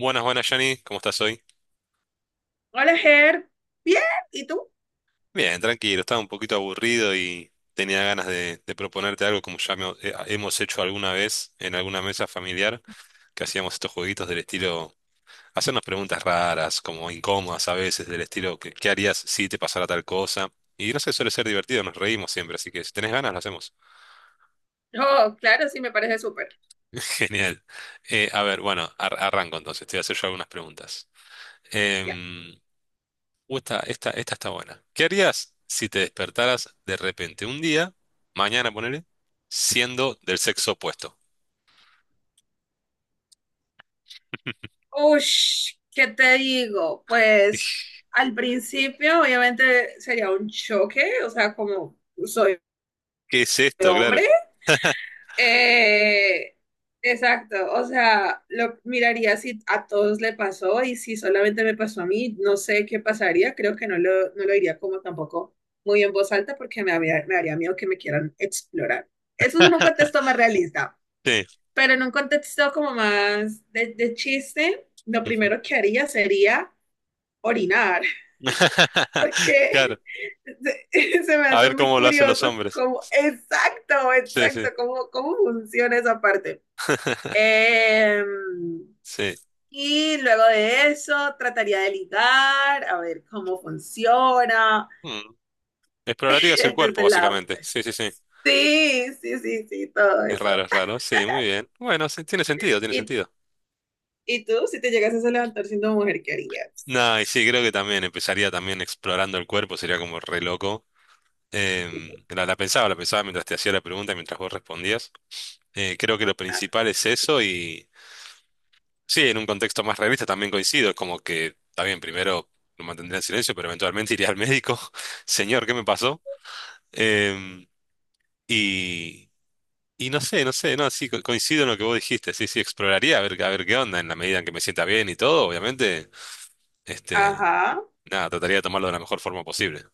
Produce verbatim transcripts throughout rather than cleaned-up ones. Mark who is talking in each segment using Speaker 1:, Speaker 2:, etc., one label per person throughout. Speaker 1: Buenas, buenas, Johnny. ¿Cómo estás hoy?
Speaker 2: Hola, Ger. Bien, ¿y tú?
Speaker 1: Bien, tranquilo. Estaba un poquito aburrido y tenía ganas de, de proponerte algo como ya me- eh, hemos hecho alguna vez en alguna mesa familiar, que hacíamos estos jueguitos del estilo, hacernos preguntas raras, como incómodas a veces, del estilo, ¿qué, qué harías si te pasara tal cosa? Y no sé, suele ser divertido, nos reímos siempre, así que si tenés ganas, lo hacemos.
Speaker 2: Oh, claro, sí, me parece súper.
Speaker 1: Genial. Eh, a ver, bueno, ar- arranco entonces, te voy a hacer yo algunas preguntas.
Speaker 2: Ya.
Speaker 1: Em, Uh, esta, esta, esta está buena. ¿Qué harías si te despertaras de repente un día, mañana ponele, siendo del sexo opuesto?
Speaker 2: Ush, ¿qué te digo? Pues al principio obviamente sería un choque, o sea, como soy
Speaker 1: ¿Qué es esto? Claro.
Speaker 2: hombre. Eh, exacto, o sea, lo miraría si a todos le pasó y si solamente me pasó a mí, no sé qué pasaría, creo que no lo, no lo diría como tampoco muy en voz alta porque me, había- me haría miedo que me quieran explorar. Eso es un contexto más realista.
Speaker 1: Sí.
Speaker 2: Pero en un contexto como más de, de chiste, lo
Speaker 1: Ujú.
Speaker 2: primero que haría sería orinar,
Speaker 1: Claro.
Speaker 2: porque se, se me
Speaker 1: A
Speaker 2: hace
Speaker 1: ver
Speaker 2: muy
Speaker 1: cómo lo hacen los
Speaker 2: curioso
Speaker 1: hombres.
Speaker 2: cómo, exacto,
Speaker 1: Sí, sí.
Speaker 2: exacto, cómo, cómo funciona esa parte. Em,
Speaker 1: Sí.
Speaker 2: y luego de eso trataría de ligar, a ver cómo funciona,
Speaker 1: Mm. Explorarías el cuerpo,
Speaker 2: desde el lado,
Speaker 1: básicamente.
Speaker 2: pues,
Speaker 1: Sí, sí, sí.
Speaker 2: sí, sí, sí, sí, todo
Speaker 1: Es
Speaker 2: eso.
Speaker 1: raro, es raro. Sí, muy bien. Bueno, sí, tiene sentido, tiene
Speaker 2: ¿Y,
Speaker 1: sentido.
Speaker 2: ¿Y tú, si te llegases a levantar siendo mujer, qué harías?
Speaker 1: No, y sí, creo que también empezaría también explorando el cuerpo, sería como re loco. Em, la, la pensaba, la pensaba mientras te hacía la pregunta, mientras vos respondías. Eh, creo que lo
Speaker 2: Ah.
Speaker 1: principal es eso y sí, en un contexto más realista también coincido, es como que, está bien, primero lo mantendría en silencio, pero eventualmente iría al médico, señor, ¿qué me pasó? Em, y, y no sé, no sé, no, sí, co- coincido en lo que vos dijiste, sí, sí, exploraría a ver, a ver qué onda en la medida en que me sienta bien y todo, obviamente, este,
Speaker 2: Ajá.
Speaker 1: nada, trataría de tomarlo de la mejor forma posible.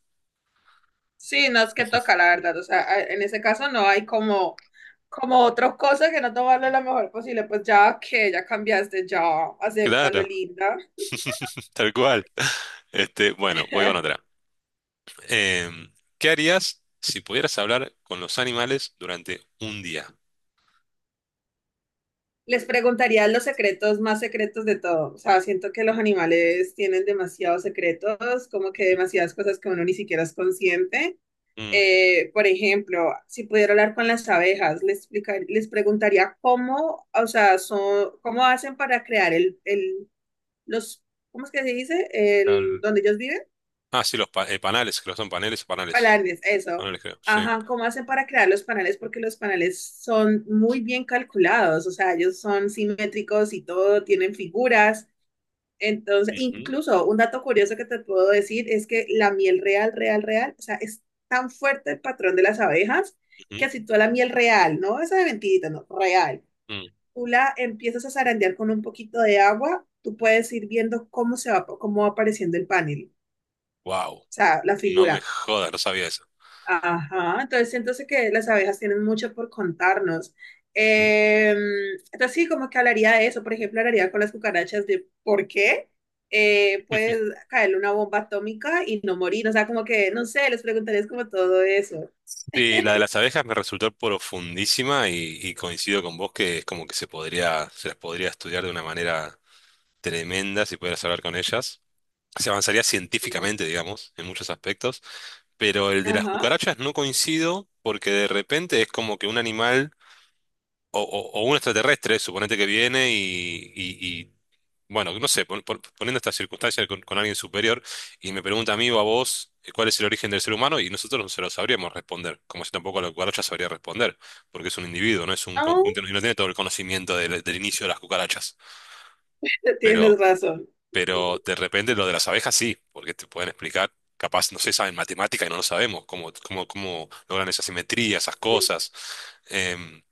Speaker 2: Sí, no es que toca, la verdad. O sea, a- en ese caso no hay como, como otra cosa que no tomarle la mejor posible. Pues ya que ya cambiaste, ya acéptalo,
Speaker 1: Claro,
Speaker 2: linda.
Speaker 1: tal cual. Este, bueno, voy con otra. Em, ¿qué harías si pudieras hablar con los animales durante un día?
Speaker 2: Les preguntaría los secretos más secretos de todo. O sea, siento que los animales tienen demasiados secretos, como que
Speaker 1: Ujú.
Speaker 2: demasiadas cosas que uno ni siquiera es consciente.
Speaker 1: Mm,
Speaker 2: Eh, por ejemplo, si pudiera hablar con las abejas, les explicar- les preguntaría cómo, o sea, son, cómo hacen para crear el, el, los, ¿cómo es que se dice? El,
Speaker 1: tal-
Speaker 2: donde ellos viven,
Speaker 1: Ah, sí, los pa- eh, panales, creo que son paneles, panales.
Speaker 2: palanes, eso.
Speaker 1: Panales, creo, sí.
Speaker 2: Ajá, ¿cómo hacen para crear los panales? Porque los panales son muy bien calculados, o sea, ellos son simétricos y todo, tienen figuras. Entonces,
Speaker 1: Ujú,
Speaker 2: incluso un dato curioso que te puedo decir es que la miel real, real, real, o sea, es tan fuerte el patrón de las abejas
Speaker 1: ujú,
Speaker 2: que si tú a la miel real, no esa de mentirita, no, real,
Speaker 1: mm.
Speaker 2: tú la empiezas a zarandear con un poquito de agua, tú puedes ir viendo cómo se va, cómo va apareciendo el panel,
Speaker 1: Wow,
Speaker 2: o sea, la
Speaker 1: no me
Speaker 2: figura.
Speaker 1: jodas, no sabía eso.
Speaker 2: Ajá, entonces siento que las abejas tienen mucho por contarnos.
Speaker 1: Ujú.
Speaker 2: Eh, entonces sí, como que hablaría de eso, por ejemplo, hablaría con las cucarachas de por qué eh, puedes caerle una bomba atómica y no morir, o sea, como que, no sé, les preguntarías como todo eso.
Speaker 1: Sí, la de las abejas me resultó profundísima y, y coincido con vos que es como que se podría, se las podría estudiar de una manera tremenda si pudieras hablar con ellas. Se avanzaría científicamente, digamos, en muchos aspectos. Pero el de las
Speaker 2: Ajá.
Speaker 1: cucarachas no coincido porque de repente es como que un animal o, o- o un extraterrestre, suponete que viene y, y- y, bueno, no sé, pon- pon- poniendo esta circunstancia con, con alguien superior y me pregunta a mí o a vos eh, cuál es el origen del ser humano y nosotros no se lo sabríamos responder, como yo tampoco la cucaracha sabría responder, porque es un individuo, no es un
Speaker 2: Ah,
Speaker 1: conjunto no, y no tiene todo el conocimiento del, del inicio de las cucarachas.
Speaker 2: tienes
Speaker 1: Pero
Speaker 2: razón.
Speaker 1: pero de repente lo de las abejas sí, porque te pueden explicar, capaz, no sé, saben matemática y no lo sabemos, cómo, cómo, cómo logran esa simetría, esas
Speaker 2: Sí.
Speaker 1: cosas. Em,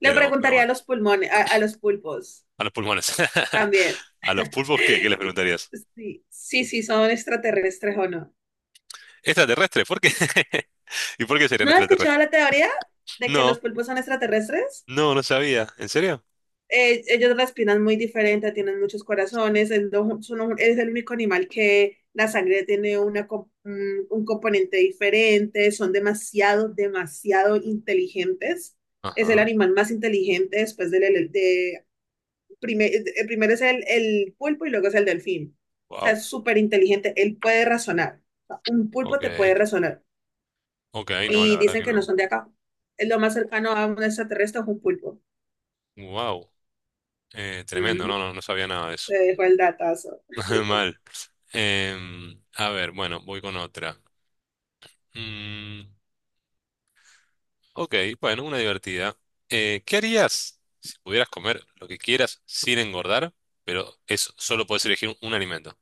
Speaker 2: Le
Speaker 1: pero, pero
Speaker 2: preguntaría a
Speaker 1: bueno,
Speaker 2: los pulmones, a, a los pulpos
Speaker 1: a los pulmones.
Speaker 2: también.
Speaker 1: ¿A los pulpos qué? ¿Qué les preguntarías?
Speaker 2: Sí, sí, sí, son extraterrestres o no.
Speaker 1: ¿Extraterrestres? ¿Por qué? ¿Y por qué serían
Speaker 2: ¿No has
Speaker 1: extraterrestres?
Speaker 2: escuchado la teoría de que los
Speaker 1: No,
Speaker 2: pulpos son extraterrestres?
Speaker 1: no, no sabía. ¿En serio?
Speaker 2: Eh, ellos respiran muy diferente, tienen muchos corazones, es, lo- son un- es el único animal que la sangre tiene una, co- un, un componente diferente, son demasiado, demasiado inteligentes. Es el
Speaker 1: Ajá.
Speaker 2: animal más inteligente después del... ele- De, primer- el primero es el, el pulpo y luego es el delfín. O sea,
Speaker 1: Wow.
Speaker 2: es súper inteligente, él puede razonar. O sea, un pulpo te puede
Speaker 1: Ok.
Speaker 2: razonar.
Speaker 1: Ok, no, la
Speaker 2: Y
Speaker 1: verdad
Speaker 2: dicen
Speaker 1: que
Speaker 2: que no
Speaker 1: no.
Speaker 2: son de acá. Es lo más cercano a un extraterrestre es un pulpo.
Speaker 1: Wow. Tremendo,
Speaker 2: Mm,
Speaker 1: no, no, no sabía nada de eso.
Speaker 2: te dejo el dato.
Speaker 1: Mal. Em, a ver, bueno, voy con otra. Mm. Ok, bueno, una divertida. Eh, ¿qué harías si pudieras comer lo que quieras sin engordar, pero eso solo puedes elegir un, un alimento?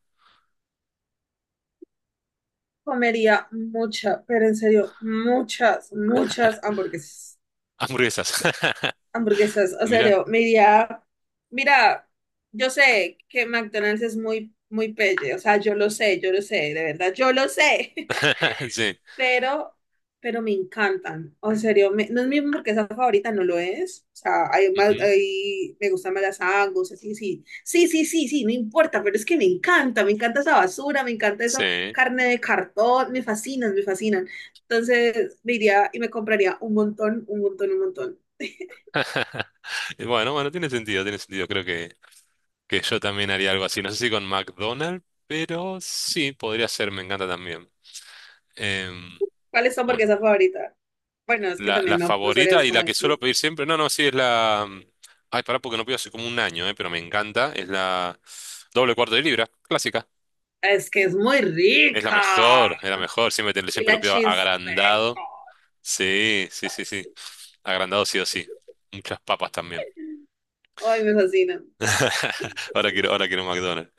Speaker 2: Comería mucha, pero en serio, muchas, muchas hamburguesas.
Speaker 1: Hamburguesas.
Speaker 2: Hamburguesas, en
Speaker 1: Mira.
Speaker 2: serio, me iría. Mira, yo sé que McDonald's es muy, muy pelle, o sea, yo lo sé, yo lo sé, de verdad, yo lo sé.
Speaker 1: Sí.
Speaker 2: pero, pero me encantan. O en serio, me- no es mi hamburguesa favorita, no lo es. O sea, hay más,
Speaker 1: Ujú.
Speaker 2: hay- me gustan más las Angus, así, sí. Sí, sí, sí, sí, no importa, pero es que me encanta, me encanta esa basura, me encanta esa
Speaker 1: Sí.
Speaker 2: carne de cartón, me fascinan, me fascinan. Entonces, me iría y me compraría un montón, un montón, un montón.
Speaker 1: Y bueno, bueno, tiene sentido, tiene sentido. Creo que, que yo también haría algo así. No sé si con McDonald's, pero sí, podría ser, me encanta también. Em,
Speaker 2: ¿Cuál es tu
Speaker 1: bueno.
Speaker 2: hamburguesa favorita? Bueno, es que
Speaker 1: La,
Speaker 2: también
Speaker 1: la
Speaker 2: no, no sabría
Speaker 1: favorita y la
Speaker 2: cómo
Speaker 1: que suelo
Speaker 2: decir.
Speaker 1: pedir siempre, no, no, sí, es la... mm, Ay, pará, porque no pido hace como un año, eh, pero me encanta, es la doble cuarto de libra, clásica.
Speaker 2: Es que es muy
Speaker 1: Es la
Speaker 2: rica.
Speaker 1: mejor, es la mejor, siempre, te-
Speaker 2: Y
Speaker 1: siempre lo
Speaker 2: la
Speaker 1: pido
Speaker 2: cheese
Speaker 1: agrandado.
Speaker 2: bacon.
Speaker 1: Sí, sí, sí, sí.
Speaker 2: Así.
Speaker 1: Agrandado sí o sí. Muchas papas también.
Speaker 2: Ay, me fascina.
Speaker 1: Ahora quiero, ahora quiero un McDonald's.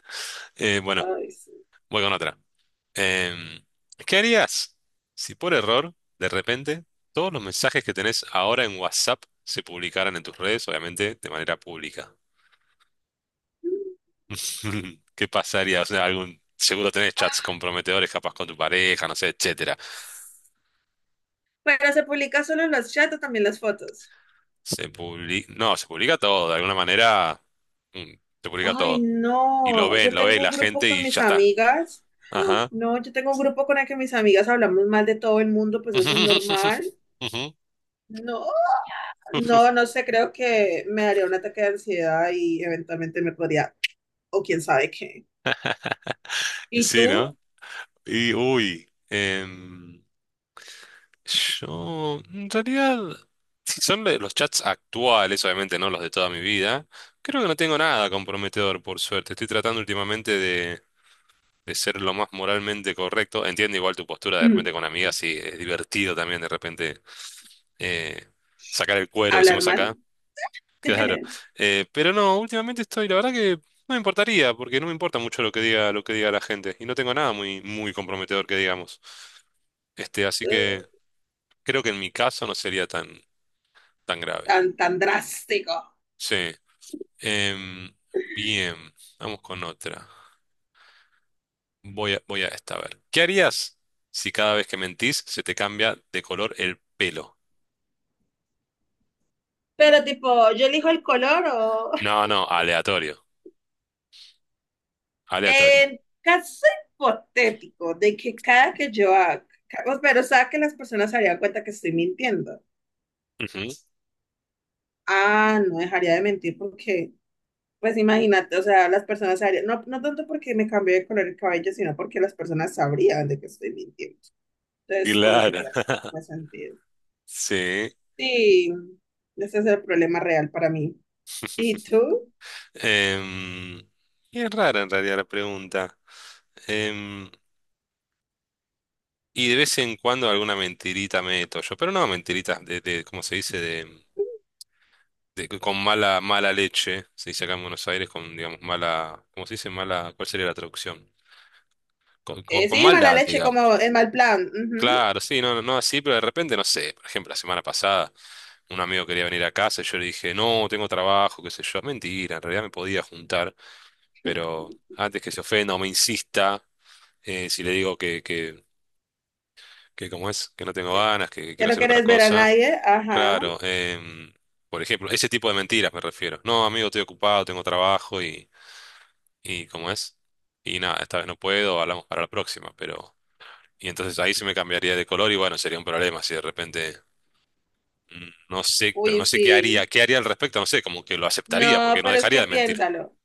Speaker 1: Eh, bueno,
Speaker 2: Ay, sí.
Speaker 1: voy con otra. Em, ¿qué harías si por error, de repente, todos los mensajes que tenés ahora en WhatsApp se publicaran en tus redes, obviamente de manera pública? ¿Qué pasaría? O sea, algún, seguro tenés chats
Speaker 2: Ah.
Speaker 1: comprometedores capaz con tu pareja, no sé, etcétera.
Speaker 2: Pero se publica solo en los chats o también las fotos.
Speaker 1: Se publica, no, se publica todo, de alguna manera, mm, se publica
Speaker 2: Ay,
Speaker 1: todo. Y lo
Speaker 2: no.
Speaker 1: ven,
Speaker 2: Yo
Speaker 1: lo ve
Speaker 2: tengo
Speaker 1: la
Speaker 2: un grupo
Speaker 1: gente
Speaker 2: con
Speaker 1: y
Speaker 2: mis
Speaker 1: ya está.
Speaker 2: amigas. Ah,
Speaker 1: Ajá.
Speaker 2: no, yo tengo un grupo con el que mis amigas hablamos mal de todo el mundo, pues eso es normal.
Speaker 1: Ujú.
Speaker 2: No, no, no sé, creo que me daría un ataque de ansiedad y eventualmente me podría o quién sabe qué. Y
Speaker 1: Sí,
Speaker 2: tú,
Speaker 1: ¿no? Y, uy, em, yo, en realidad, si son de los chats actuales, obviamente no los de toda mi vida, creo que no tengo nada comprometedor, por suerte. Estoy tratando últimamente de ser lo más moralmente correcto. Entiendo igual tu postura de
Speaker 2: mm,
Speaker 1: repente con amigas, sí, es divertido también de repente eh, sacar el cuero,
Speaker 2: hablar
Speaker 1: decimos
Speaker 2: mal.
Speaker 1: acá, claro. Eh, pero no, últimamente estoy, la verdad que no me importaría, porque no me importa mucho lo que diga, lo que diga la gente, y no tengo nada muy, muy comprometedor que digamos. Este, así que creo que en mi caso no sería tan, tan grave.
Speaker 2: Tan, tan drástico.
Speaker 1: Sí. Em, bien, vamos con otra. Voy a, voy a esta, a ver. ¿Qué harías si cada vez que mentís se te cambia de color el pelo?
Speaker 2: Pero tipo, yo elijo el color o...
Speaker 1: No, no, aleatorio. Aleatorio.
Speaker 2: En caso hipotético de que cada que yo haga... ca- Pero o sea que las personas se darían cuenta que estoy mintiendo.
Speaker 1: Ujú.
Speaker 2: Ah, no dejaría de mentir porque, pues imagínate, o sea, las personas se darían... No, no tanto porque me cambié de color el cabello, sino porque las personas sabrían de que estoy mintiendo. Entonces, como que
Speaker 1: Claro.
Speaker 2: plan, me sentido.
Speaker 1: Sí.
Speaker 2: Sí, ese es el problema real para mí. ¿Y tú?
Speaker 1: Em, y es rara en realidad la pregunta. Em, y de vez en cuando alguna mentirita meto yo, pero no mentiritas de, de ¿cómo se dice? De, de- con mala, mala leche. Se dice acá en Buenos Aires con, digamos, mala, ¿cómo se dice? Mala, ¿cuál sería la traducción? Con, con,
Speaker 2: Eh,
Speaker 1: con
Speaker 2: sí, mala
Speaker 1: maldad,
Speaker 2: leche,
Speaker 1: digamos.
Speaker 2: como el mal plan. Ujú.
Speaker 1: Claro, sí, no, no, no así, pero de repente, no sé, por ejemplo, la semana pasada un amigo quería venir a casa y yo le dije, no, tengo trabajo, qué sé yo, mentira, en realidad me podía juntar, pero antes que se ofenda o me insista, eh, si le digo que, que, que cómo es, que no tengo ganas, que, que
Speaker 2: Ya
Speaker 1: quiero
Speaker 2: no
Speaker 1: hacer otra
Speaker 2: quieres ver a
Speaker 1: cosa,
Speaker 2: nadie. Ajá.
Speaker 1: claro, em, por ejemplo, ese tipo de mentiras me refiero, no, amigo, estoy ocupado, tengo trabajo y, y cómo es, y nada, esta vez no puedo, hablamos para la próxima, pero... Y entonces ahí se me cambiaría de color y bueno, sería un problema si de repente... Mm, no sé, pero
Speaker 2: Uy,
Speaker 1: no sé qué haría,
Speaker 2: sí.
Speaker 1: qué haría al respecto, no sé, como que lo aceptaría,
Speaker 2: No,
Speaker 1: porque no
Speaker 2: pero es
Speaker 1: dejaría
Speaker 2: que
Speaker 1: de mentir.
Speaker 2: piénsalo.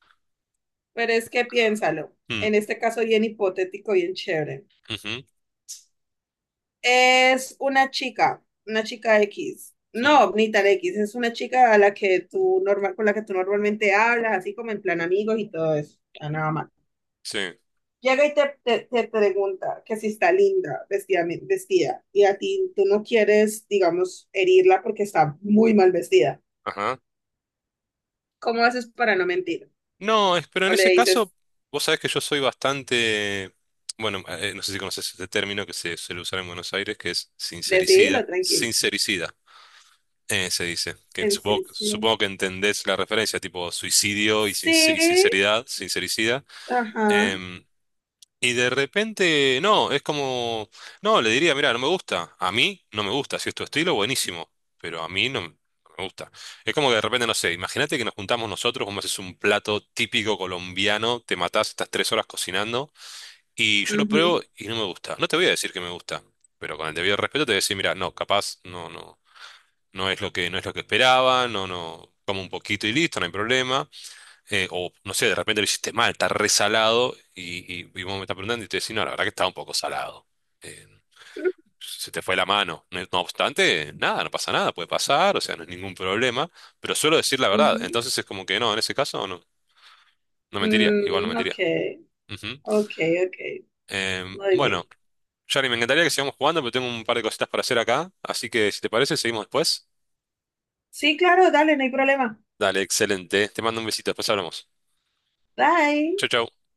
Speaker 2: Pero es que piénsalo.
Speaker 1: Mm,
Speaker 2: En este caso, bien hipotético, bien chévere.
Speaker 1: ujú,
Speaker 2: Es una chica, una chica X.
Speaker 1: mm,
Speaker 2: No, ni tan X, es una chica a la que tú normal, con la que tú normalmente hablas, así como en plan amigos y todo eso. Ah, nada más.
Speaker 1: sí,
Speaker 2: Llega y te, te, te pregunta que si está linda, vestida, vestida, y a ti tú no quieres, digamos, herirla porque está muy mal vestida.
Speaker 1: ajá.
Speaker 2: ¿Cómo haces para no mentir?
Speaker 1: No, es, pero
Speaker 2: O
Speaker 1: en
Speaker 2: le
Speaker 1: ese
Speaker 2: dices,
Speaker 1: caso, vos sabés que yo soy bastante, bueno, eh, no sé si conoces este término que se suele usar en Buenos Aires, que es
Speaker 2: decidilo,
Speaker 1: sincericida,
Speaker 2: tranquilo.
Speaker 1: sincericida, eh, se dice, que
Speaker 2: En
Speaker 1: supongo,
Speaker 2: serio.
Speaker 1: supongo que entendés la referencia, tipo suicidio y, sinc- y
Speaker 2: Sí,
Speaker 1: sinceridad, sincericida.
Speaker 2: ajá,
Speaker 1: Em, Y de repente, no, es como, no, le diría, mira, no me gusta. A mí no me gusta. Si es tu estilo, buenísimo. Pero a mí no, no me gusta. Es como que de repente, no sé, imagínate que nos juntamos nosotros, vos me haces un plato típico colombiano, te matás, estás tres horas cocinando, y yo lo pruebo
Speaker 2: ujú,
Speaker 1: y no me gusta. No te voy a decir que me gusta, pero con el debido respeto te voy a decir, mira, no, capaz, no, no, no es lo que, no es lo que esperaba, no, no, como un poquito y listo, no hay problema eh, o no sé, de repente lo hiciste mal, está resalado y, y, y vos me estás preguntando y te decís, no, la verdad que estaba un poco salado. Eh, se te fue la mano. No, no obstante, nada, no pasa nada, puede pasar, o sea, no es ningún problema, pero suelo decir la verdad.
Speaker 2: ujú.
Speaker 1: Entonces es como que no, en ese caso no, no mentiría, igual no
Speaker 2: Mm, ok,
Speaker 1: mentiría. Ujú.
Speaker 2: ok, ok,
Speaker 1: Eh,
Speaker 2: muy bien.
Speaker 1: bueno, Yari, me encantaría que sigamos jugando, pero tengo un par de cositas para hacer acá, así que si te parece, seguimos después.
Speaker 2: Sí, claro, dale, no hay problema.
Speaker 1: Dale, excelente. Te mando un besito, después hablamos. Chau,
Speaker 2: Bye.
Speaker 1: chau.